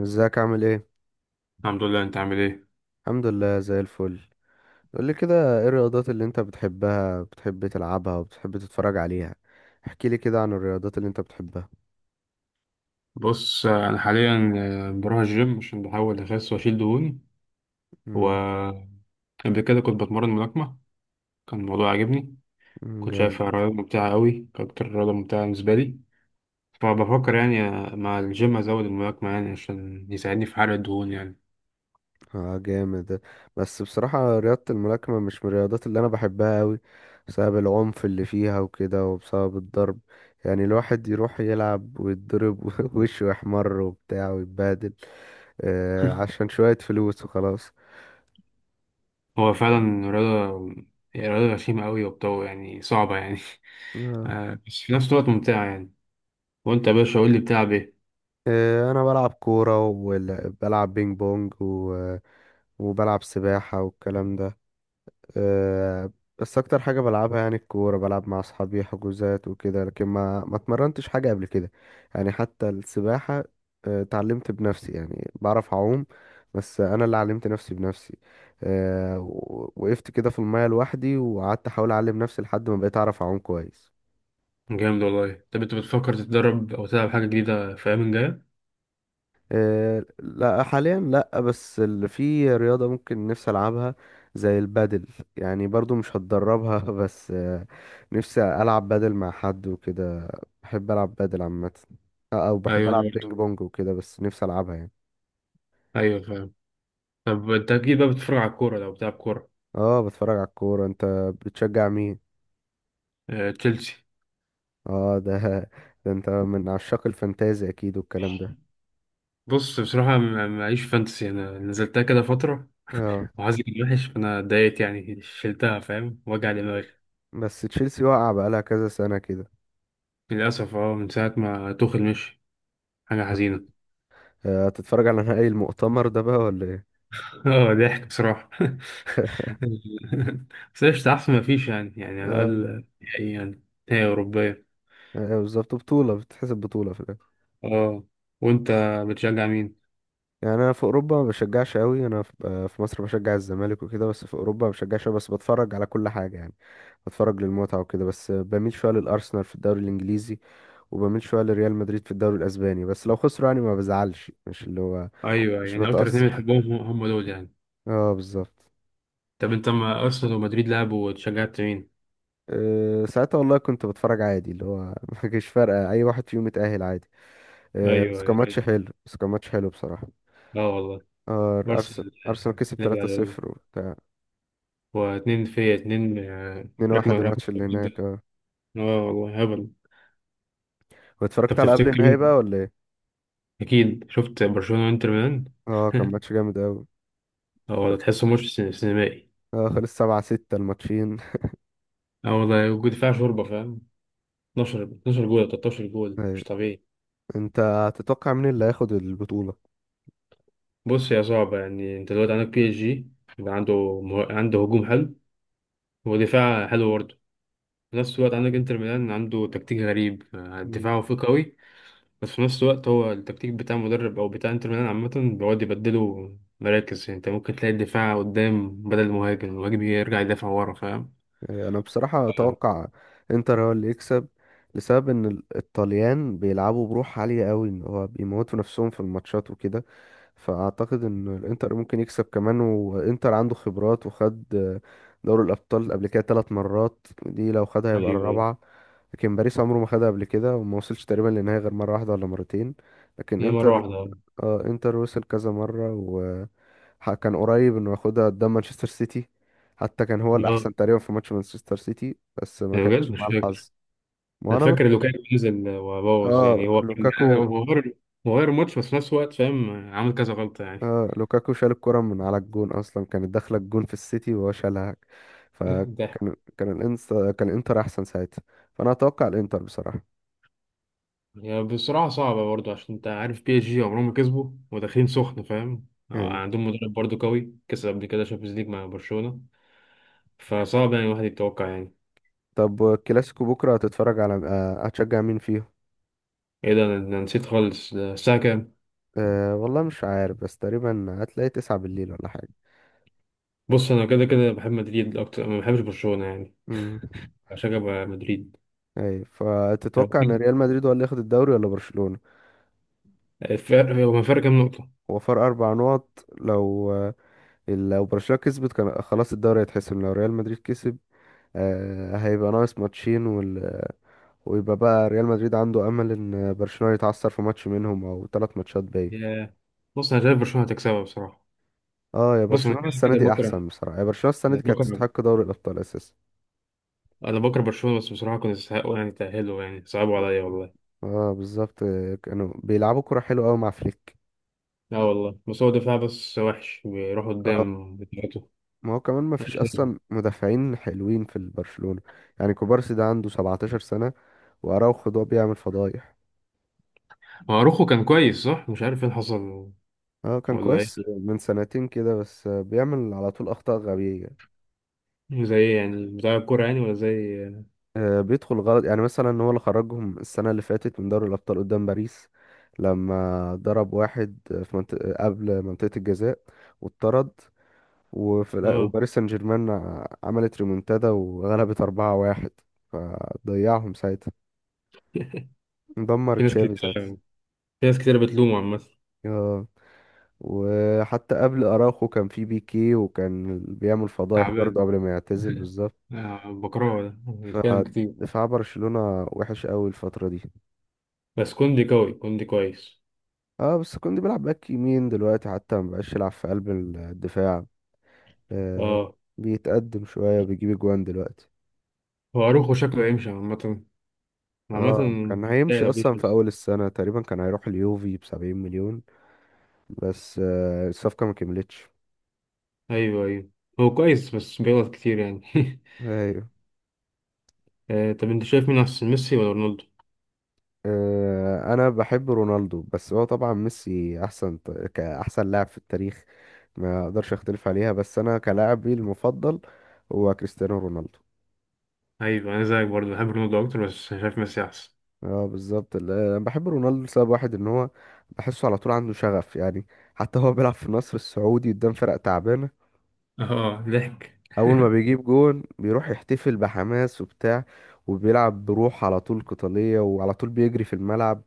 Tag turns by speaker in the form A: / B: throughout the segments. A: ازيك عامل ايه؟
B: الحمد لله. انت عامل ايه؟
A: الحمد لله زي الفل. قول لي كده ايه الرياضات اللي انت بتحبها، بتحب تلعبها وبتحب تتفرج عليها؟ احكي لي كده عن الرياضات اللي انت بتحبها.
B: بص، انا حاليا بروح الجيم عشان بحاول اخس واشيل دهوني.
A: امم
B: وقبل كده كنت بتمرن ملاكمه. كان الموضوع عاجبني. كنت
A: جامد.
B: شايفها رياضه ممتعه قوي، كانت اكتر رياضه ممتعه بالنسبه لي. فبفكر يعني مع الجيم ازود الملاكمه يعني عشان يساعدني في حرق الدهون يعني.
A: اه جامد. بس بصراحة رياضة الملاكمة مش من الرياضات اللي انا بحبها قوي، بسبب العنف اللي فيها وكده وبسبب الضرب. يعني الواحد يروح يلعب ويتضرب ووشه يحمر وبتاع ويتبهدل، عشان شوية فلوس وخلاص.
B: هو فعلا رياضه، هي رياضه غشيمه قوي وبتو يعني صعبه يعني.
A: آه.
B: بس في نفس الوقت ممتعه يعني. وانت يا باشا قول لي بتلعب ايه؟
A: انا بلعب كوره وبلعب بينج بونج وبلعب سباحه والكلام ده. آه، بس اكتر حاجه بلعبها يعني الكوره، بلعب مع اصحابي حجوزات وكده لكن ما اتمرنتش حاجه قبل كده. يعني حتى السباحه، اتعلمت بنفسي يعني بعرف اعوم، بس انا اللي علمت نفسي بنفسي. وقفت كده في الميه لوحدي وقعدت احاول اعلم نفسي لحد ما بقيت اعرف اعوم كويس.
B: جامد والله. طب انت بتفكر تتدرب او تلعب حاجه جديده في الايام الجايه؟
A: لا حاليا لا، بس اللي في رياضة ممكن نفسي ألعبها زي البادل، يعني برضو مش هتدربها بس نفسي ألعب بادل مع حد وكده، بحب ألعب بادل عامة. أو بحب
B: ايوه، أنا
A: ألعب
B: برضه.
A: بينج بونج وكده بس نفسي ألعبها يعني.
B: ايوه فاهم. طب انت اكيد بقى بتتفرج على الكوره لو بتلعب كوره.
A: اه بتفرج على الكورة، انت بتشجع مين؟
B: تشيلسي.
A: اه ده ده انت من عشاق الفانتازي أكيد والكلام ده.
B: بص بصراحه معيش فانتسي، انا نزلتها كده فتره
A: اه
B: وحظي كان وحش، فانا اتضايقت يعني شلتها فاهم وجع دماغي.
A: بس تشيلسي واقعة بقالها كذا سنة كده.
B: للاسف اه، من ساعه ما توخل مشي. حاجه حزينه.
A: هتتفرج على نهائي المؤتمر ده بقى ولا ايه؟
B: اه، ضحك بصراحه. بس قشطة، احسن ما فيش يعني على
A: آه،
B: الاقل نهائي يعني. نهائي اوروبيه.
A: ايوه بالظبط، بطولة بتتحسب بطولة في الآخر.
B: اه. وانت بتشجع مين؟
A: يعني أنا في أوروبا ما بشجعش أوي، أنا في في مصر بشجع الزمالك وكده بس في أوروبا ما بشجعش أوي، بس بتفرج على كل حاجة يعني، بتفرج للمتعة وكده بس، بميل شوية للأرسنال في الدوري الإنجليزي وبميل شوية لريال مدريد في الدوري الأسباني، بس لو خسروا يعني ما بزعلش، مش اللي هو
B: ايوه
A: مش
B: يعني اكتر اتنين
A: بتأثر.
B: بتحبهم هم هم دول يعني.
A: اه بالظبط.
B: طب انت ما ارسنال ومدريد لعبوا وشجعت مين؟
A: ساعتها والله كنت بتفرج عادي اللي هو ما كانش فارقة أي واحد فيهم يتأهل، عادي. بس
B: ايوه،
A: كان
B: ايوه.
A: ماتش حلو، بس كان ماتش حلو بصراحة.
B: اه والله.
A: آه، أرس-
B: ارسنال
A: أرسنال كسب
B: نبي على الله.
A: 3-0.
B: واتنين في اتنين.
A: اتنين
B: ركمة
A: واحد
B: ركمة
A: الماتش اللي
B: جدا.
A: هناك، اه.
B: اه والله هبل. طب
A: واتفرجت على قبل
B: تفتكر
A: النهائي
B: مين؟
A: بقى ولا ايه؟
B: اكيد شفت برشلونة وانتر ميلان.
A: اه كان ماتش جامد اوي.
B: اه والله
A: خل...
B: تحسه ماتش سينمائي.
A: اه خلص 7-6 الماتشين.
B: اه والله، ودفاع شوربة فاهم. 12 12 جول 13 جول
A: أيوة.
B: مش طبيعي.
A: انت تتوقع مين اللي هياخد البطولة؟
B: بص يا صعبة يعني، انت دلوقتي عندك بي اس جي، يبقى عنده عنده هجوم حلو ودفاع حلو برضه. في نفس الوقت عندك انتر ميلان، عنده تكتيك غريب.
A: مم.
B: دفاعه فيه قوي، بس في نفس الوقت هو التكتيك بتاع مدرب او بتاع انتر ميلان عامه، بيقعد يبدلوا مراكز. يعني انت ممكن تلاقي الدفاع قدام بدل المهاجم، المهاجم يرجع يدافع ورا فاهم.
A: انا بصراحة
B: آه،
A: اتوقع انتر هو اللي يكسب، لسبب ان الطليان بيلعبوا بروح عالية اوي، ان هو بيموتوا نفسهم في الماتشات وكده، فاعتقد ان الانتر ممكن يكسب كمان. وانتر عنده خبرات، وخد دوري الابطال قبل كده 3 مرات، دي لو خدها هيبقى
B: ايوه، ايوه.
A: الرابعه. لكن باريس عمره ما خدها قبل كده، وما وصلش تقريبا للنهائي غير مره واحده ولا مرتين. لكن
B: هي مره
A: انتر،
B: واحده اه.
A: اه انتر وصل كذا مره كان قريب انه ياخدها قدام مانشستر سيتي، حتى كان هو
B: آه،
A: الاحسن تقريبا في ماتش مانشستر سيتي بس ما
B: يعني بجد
A: كانش
B: مش
A: مع
B: فاكر.
A: الحظ. ما
B: انا
A: انا
B: فاكر
A: بك...
B: لو كان نزل وبوظ
A: اه
B: يعني، هو كان
A: لوكاكو.
B: هو غير. هو غير الماتش، بس في نفس الوقت فاهم عامل كذا غلطه يعني.
A: اه لوكاكو شال الكرة من على الجون، اصلا كانت داخلة الجون في السيتي وهو شالها،
B: ده،
A: فكان كان الانستا كان الانتر احسن ساعتها. فانا اتوقع الانتر بصراحة.
B: هي بصراحه صعبه برضه عشان انت عارف بي اس جي عمرهم ما كسبوا وداخلين سخن فاهم.
A: ايوه.
B: عندهم مدرب برضه قوي، كسب قبل كده شامبيونز ليج مع برشلونه. فصعب يعني الواحد يتوقع يعني.
A: طب الكلاسيكو بكرة هتتفرج على آه، هتشجع مين فيهم؟
B: ايه ده، أنا نسيت خالص، ده الساعة كام؟
A: والله مش عارف، بس تقريبا هتلاقي 9 بالليل ولا حاجة.
B: بص انا كده كده بحب مدريد اكتر، ما بحبش برشلونة يعني،
A: امم
B: عشان بقى مدريد.
A: ايوه،
B: هو
A: فتتوقع ان ريال مدريد هو اللي ياخد الدوري ولا برشلونة؟
B: هو الفرق كام نقطة.
A: هو فرق 4 نقط، لو برشلونة كسبت كان خلاص الدوري هيتحسم، لو ريال مدريد كسب هيبقى ناقص ماتشين، ويبقى بقى ريال مدريد عنده امل ان برشلونة يتعثر في ماتش منهم او 3 ماتشات باقي.
B: يا بص انا شايف برشلونة هتكسبها بصراحة.
A: اه يا
B: بص انا
A: برشلونة
B: كده
A: السنة
B: كده
A: دي
B: بكره،
A: احسن بصراحة، يا برشلونة السنة
B: انا
A: دي كانت
B: بكره
A: تستحق دوري الابطال اساسا.
B: انا بكره برشلونة، بس بصراحة كنت يستحقوا يعني، تأهلوا يعني، صعبوا عليا
A: آه.
B: والله.
A: اه بالظبط، كانوا بيلعبوا كرة حلوة قوي مع فليك.
B: لا والله، بس هو دفاع بس وحش بيروح
A: اه
B: قدام بتاعته.
A: ما هو كمان ما فيش اصلا مدافعين حلوين في البرشلونة، يعني كوبارسي ده عنده 17 سنة، واراوخو ده بيعمل فضايح.
B: هو روخو كان كويس صح، مش عارف ايه اللي حصل.
A: اه كان
B: ولا
A: كويس من سنتين كده بس بيعمل على طول اخطاء غبية،
B: ايه زي يعني بتاع الكورة يعني ولا زي.
A: بيدخل غلط. يعني مثلا هو اللي خرجهم السنة اللي فاتت من دوري الأبطال قدام باريس، لما ضرب واحد في منطقة قبل منطقة الجزاء واتطرد،
B: اه،
A: وباريس سان جيرمان عملت ريمونتادا وغلبت 4-1، فضيعهم ساعتها، دمر
B: في ناس
A: تشافي ساعتها.
B: كتير في ناس كتير بتلومه عامة.
A: آه، وحتى قبل أراخو كان في بيكي وكان بيعمل فضايح برضه
B: تعبان.
A: قبل ما يعتزل بالظبط.
B: بكرهه ده بيتكلم كتير.
A: فدفاع برشلونة وحش قوي الفترة دي.
B: بس كوندي قوي، كوندي كويس.
A: اه بس كوندي بيلعب باك يمين دلوقتي، حتى ما بقاش يلعب في قلب الدفاع، آه
B: اه.
A: بيتقدم شوية وبيجيب اجوان دلوقتي.
B: هو اروخو شكله يمشي عامة عامة.
A: اه كان
B: لا
A: هيمشي
B: لو جه
A: اصلا في
B: شمس.
A: اول السنة، تقريبا كان هيروح اليوفي ب70 مليون، بس الصفقة ما كملتش.
B: ايوه، ايوه. هو كويس بس بيغلط كتير يعني.
A: ايوه.
B: طب انت شايف مين احسن، ميسي ولا رونالدو؟
A: انا بحب رونالدو بس هو طبعا ميسي احسن، كاحسن لاعب في التاريخ ما اقدرش اختلف عليها، بس انا كلاعبي المفضل هو كريستيانو رونالدو.
B: ايوه، انا زيك برضه بحب رونالدو اكتر، بس شايف ميسي احسن.
A: اه بالظبط. انا بحب رونالدو لسبب واحد ان هو بحسه على طول عنده شغف، يعني حتى هو بيلعب في النصر السعودي قدام فرق تعبانه،
B: اه ضحك.
A: اول ما بيجيب جون بيروح يحتفل بحماس وبتاع، وبيلعب بروح على طول قتاليه وعلى طول بيجري في الملعب.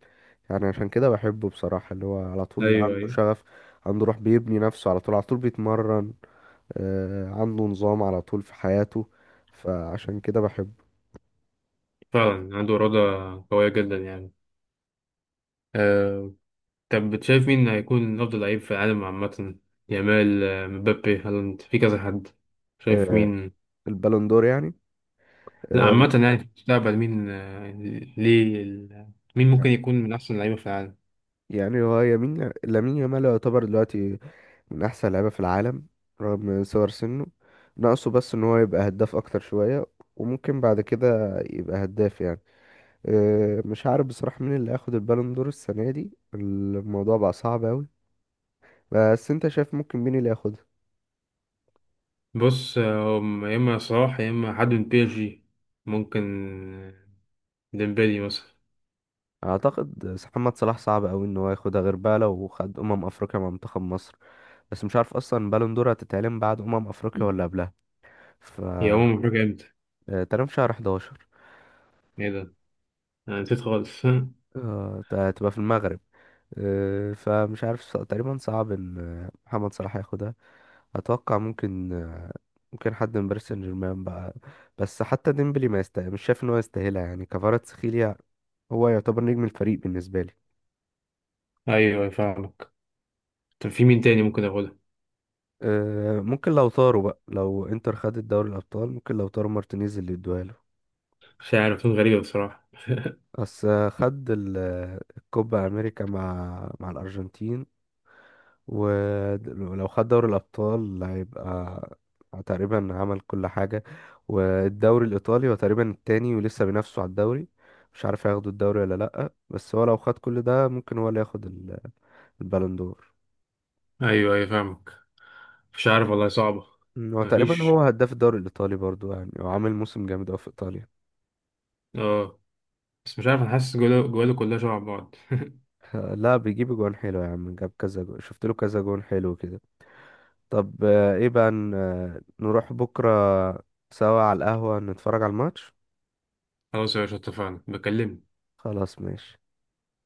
A: يعني عشان كده بحبه بصراحه، اللي هو على طول
B: ايوه،
A: عنده
B: ايوه.
A: شغف، عنده روح، بيبني نفسه على طول، على طول بيتمرن، عنده نظام على طول في حياته، فعشان كده بحبه.
B: فعلا عنده إرادة قوية جدا يعني. آه، طب بتشايف مين هيكون أفضل لعيب في العالم عامة؟ يامال، مبابي، هالاند، في كذا حد. شايف
A: آه
B: مين؟
A: البالون دور يعني.
B: لا
A: آه،
B: عامة يعني في المستقبل مين. ليه مين ممكن يكون من أحسن اللعيبة في العالم؟
A: يعني هو يمين لامين يامال يعتبر دلوقتي من احسن لعيبه في العالم رغم صغر سنه، ناقصه بس ان هو يبقى هداف اكتر شويه، وممكن بعد كده يبقى هداف يعني. مش عارف بصراحه مين اللي هياخد البالون دور السنه دي، الموضوع بقى صعب قوي. بس انت شايف ممكن مين اللي ياخدها؟
B: بص، هم يا إما صلاح يا إما حد من بي إس جي ممكن. آه، ديمبلي مثلا.
A: اعتقد محمد صلاح صعب قوي ان هو ياخدها، غير بقى لو خد افريقيا مع منتخب مصر. بس مش عارف اصلا بالون دور هتتعلن بعد افريقيا ولا قبلها. ف
B: يا هو، مفاجأة إمتى؟
A: تقريبا في شهر 11،
B: إيه ده؟ أنا نسيت خالص.
A: هتبقى في المغرب. فمش عارف، تقريبا صعب ان محمد صلاح ياخدها. اتوقع ممكن ممكن حد من باريس سان جيرمان بقى، بس حتى ديمبلي ما يستاهل، مش شايف ان هو يستاهلها، يعني كفاراتسخيليا هو يعتبر نجم الفريق بالنسبه لي.
B: أيوه، أيوه فاهمك. طب في مين تاني ممكن أقوله؟
A: ممكن لو طاروا بقى، لو انتر خدت دوري الابطال ممكن لو طاروا مارتينيز اللي يدوها له.
B: مش عارف، غريبة بصراحة.
A: بس خد الكوبا امريكا مع الارجنتين، ولو خد دوري الأبطال هيبقى تقريبا عمل كل حاجة. والدوري الإيطالي هو تقريبا التاني، ولسه بينافسوا على الدوري، مش عارف هياخدوا الدوري ولا لأ، بس هو لو خد كل ده ممكن هو اللي ياخد البالون دور.
B: أيوه، أيوه فاهمك. مش عارف والله، صعبة.
A: هو تقريبا
B: مفيش
A: هو هداف الدوري الإيطالي برضو يعني، هو عامل موسم جامد أوي في إيطاليا.
B: اه. بس مش عارف، انا حاسس جواله جواله كلها شبه بعض.
A: لا بيجيب جوان حلو يا عم، جاب كذا جون، شفت له كذا جون حلو كده. طب ايه بقى نروح بكرة سوا على القهوة نتفرج على الماتش.
B: خلاص يا باشا، اتفقنا بكلمك.
A: خلاص ماشي.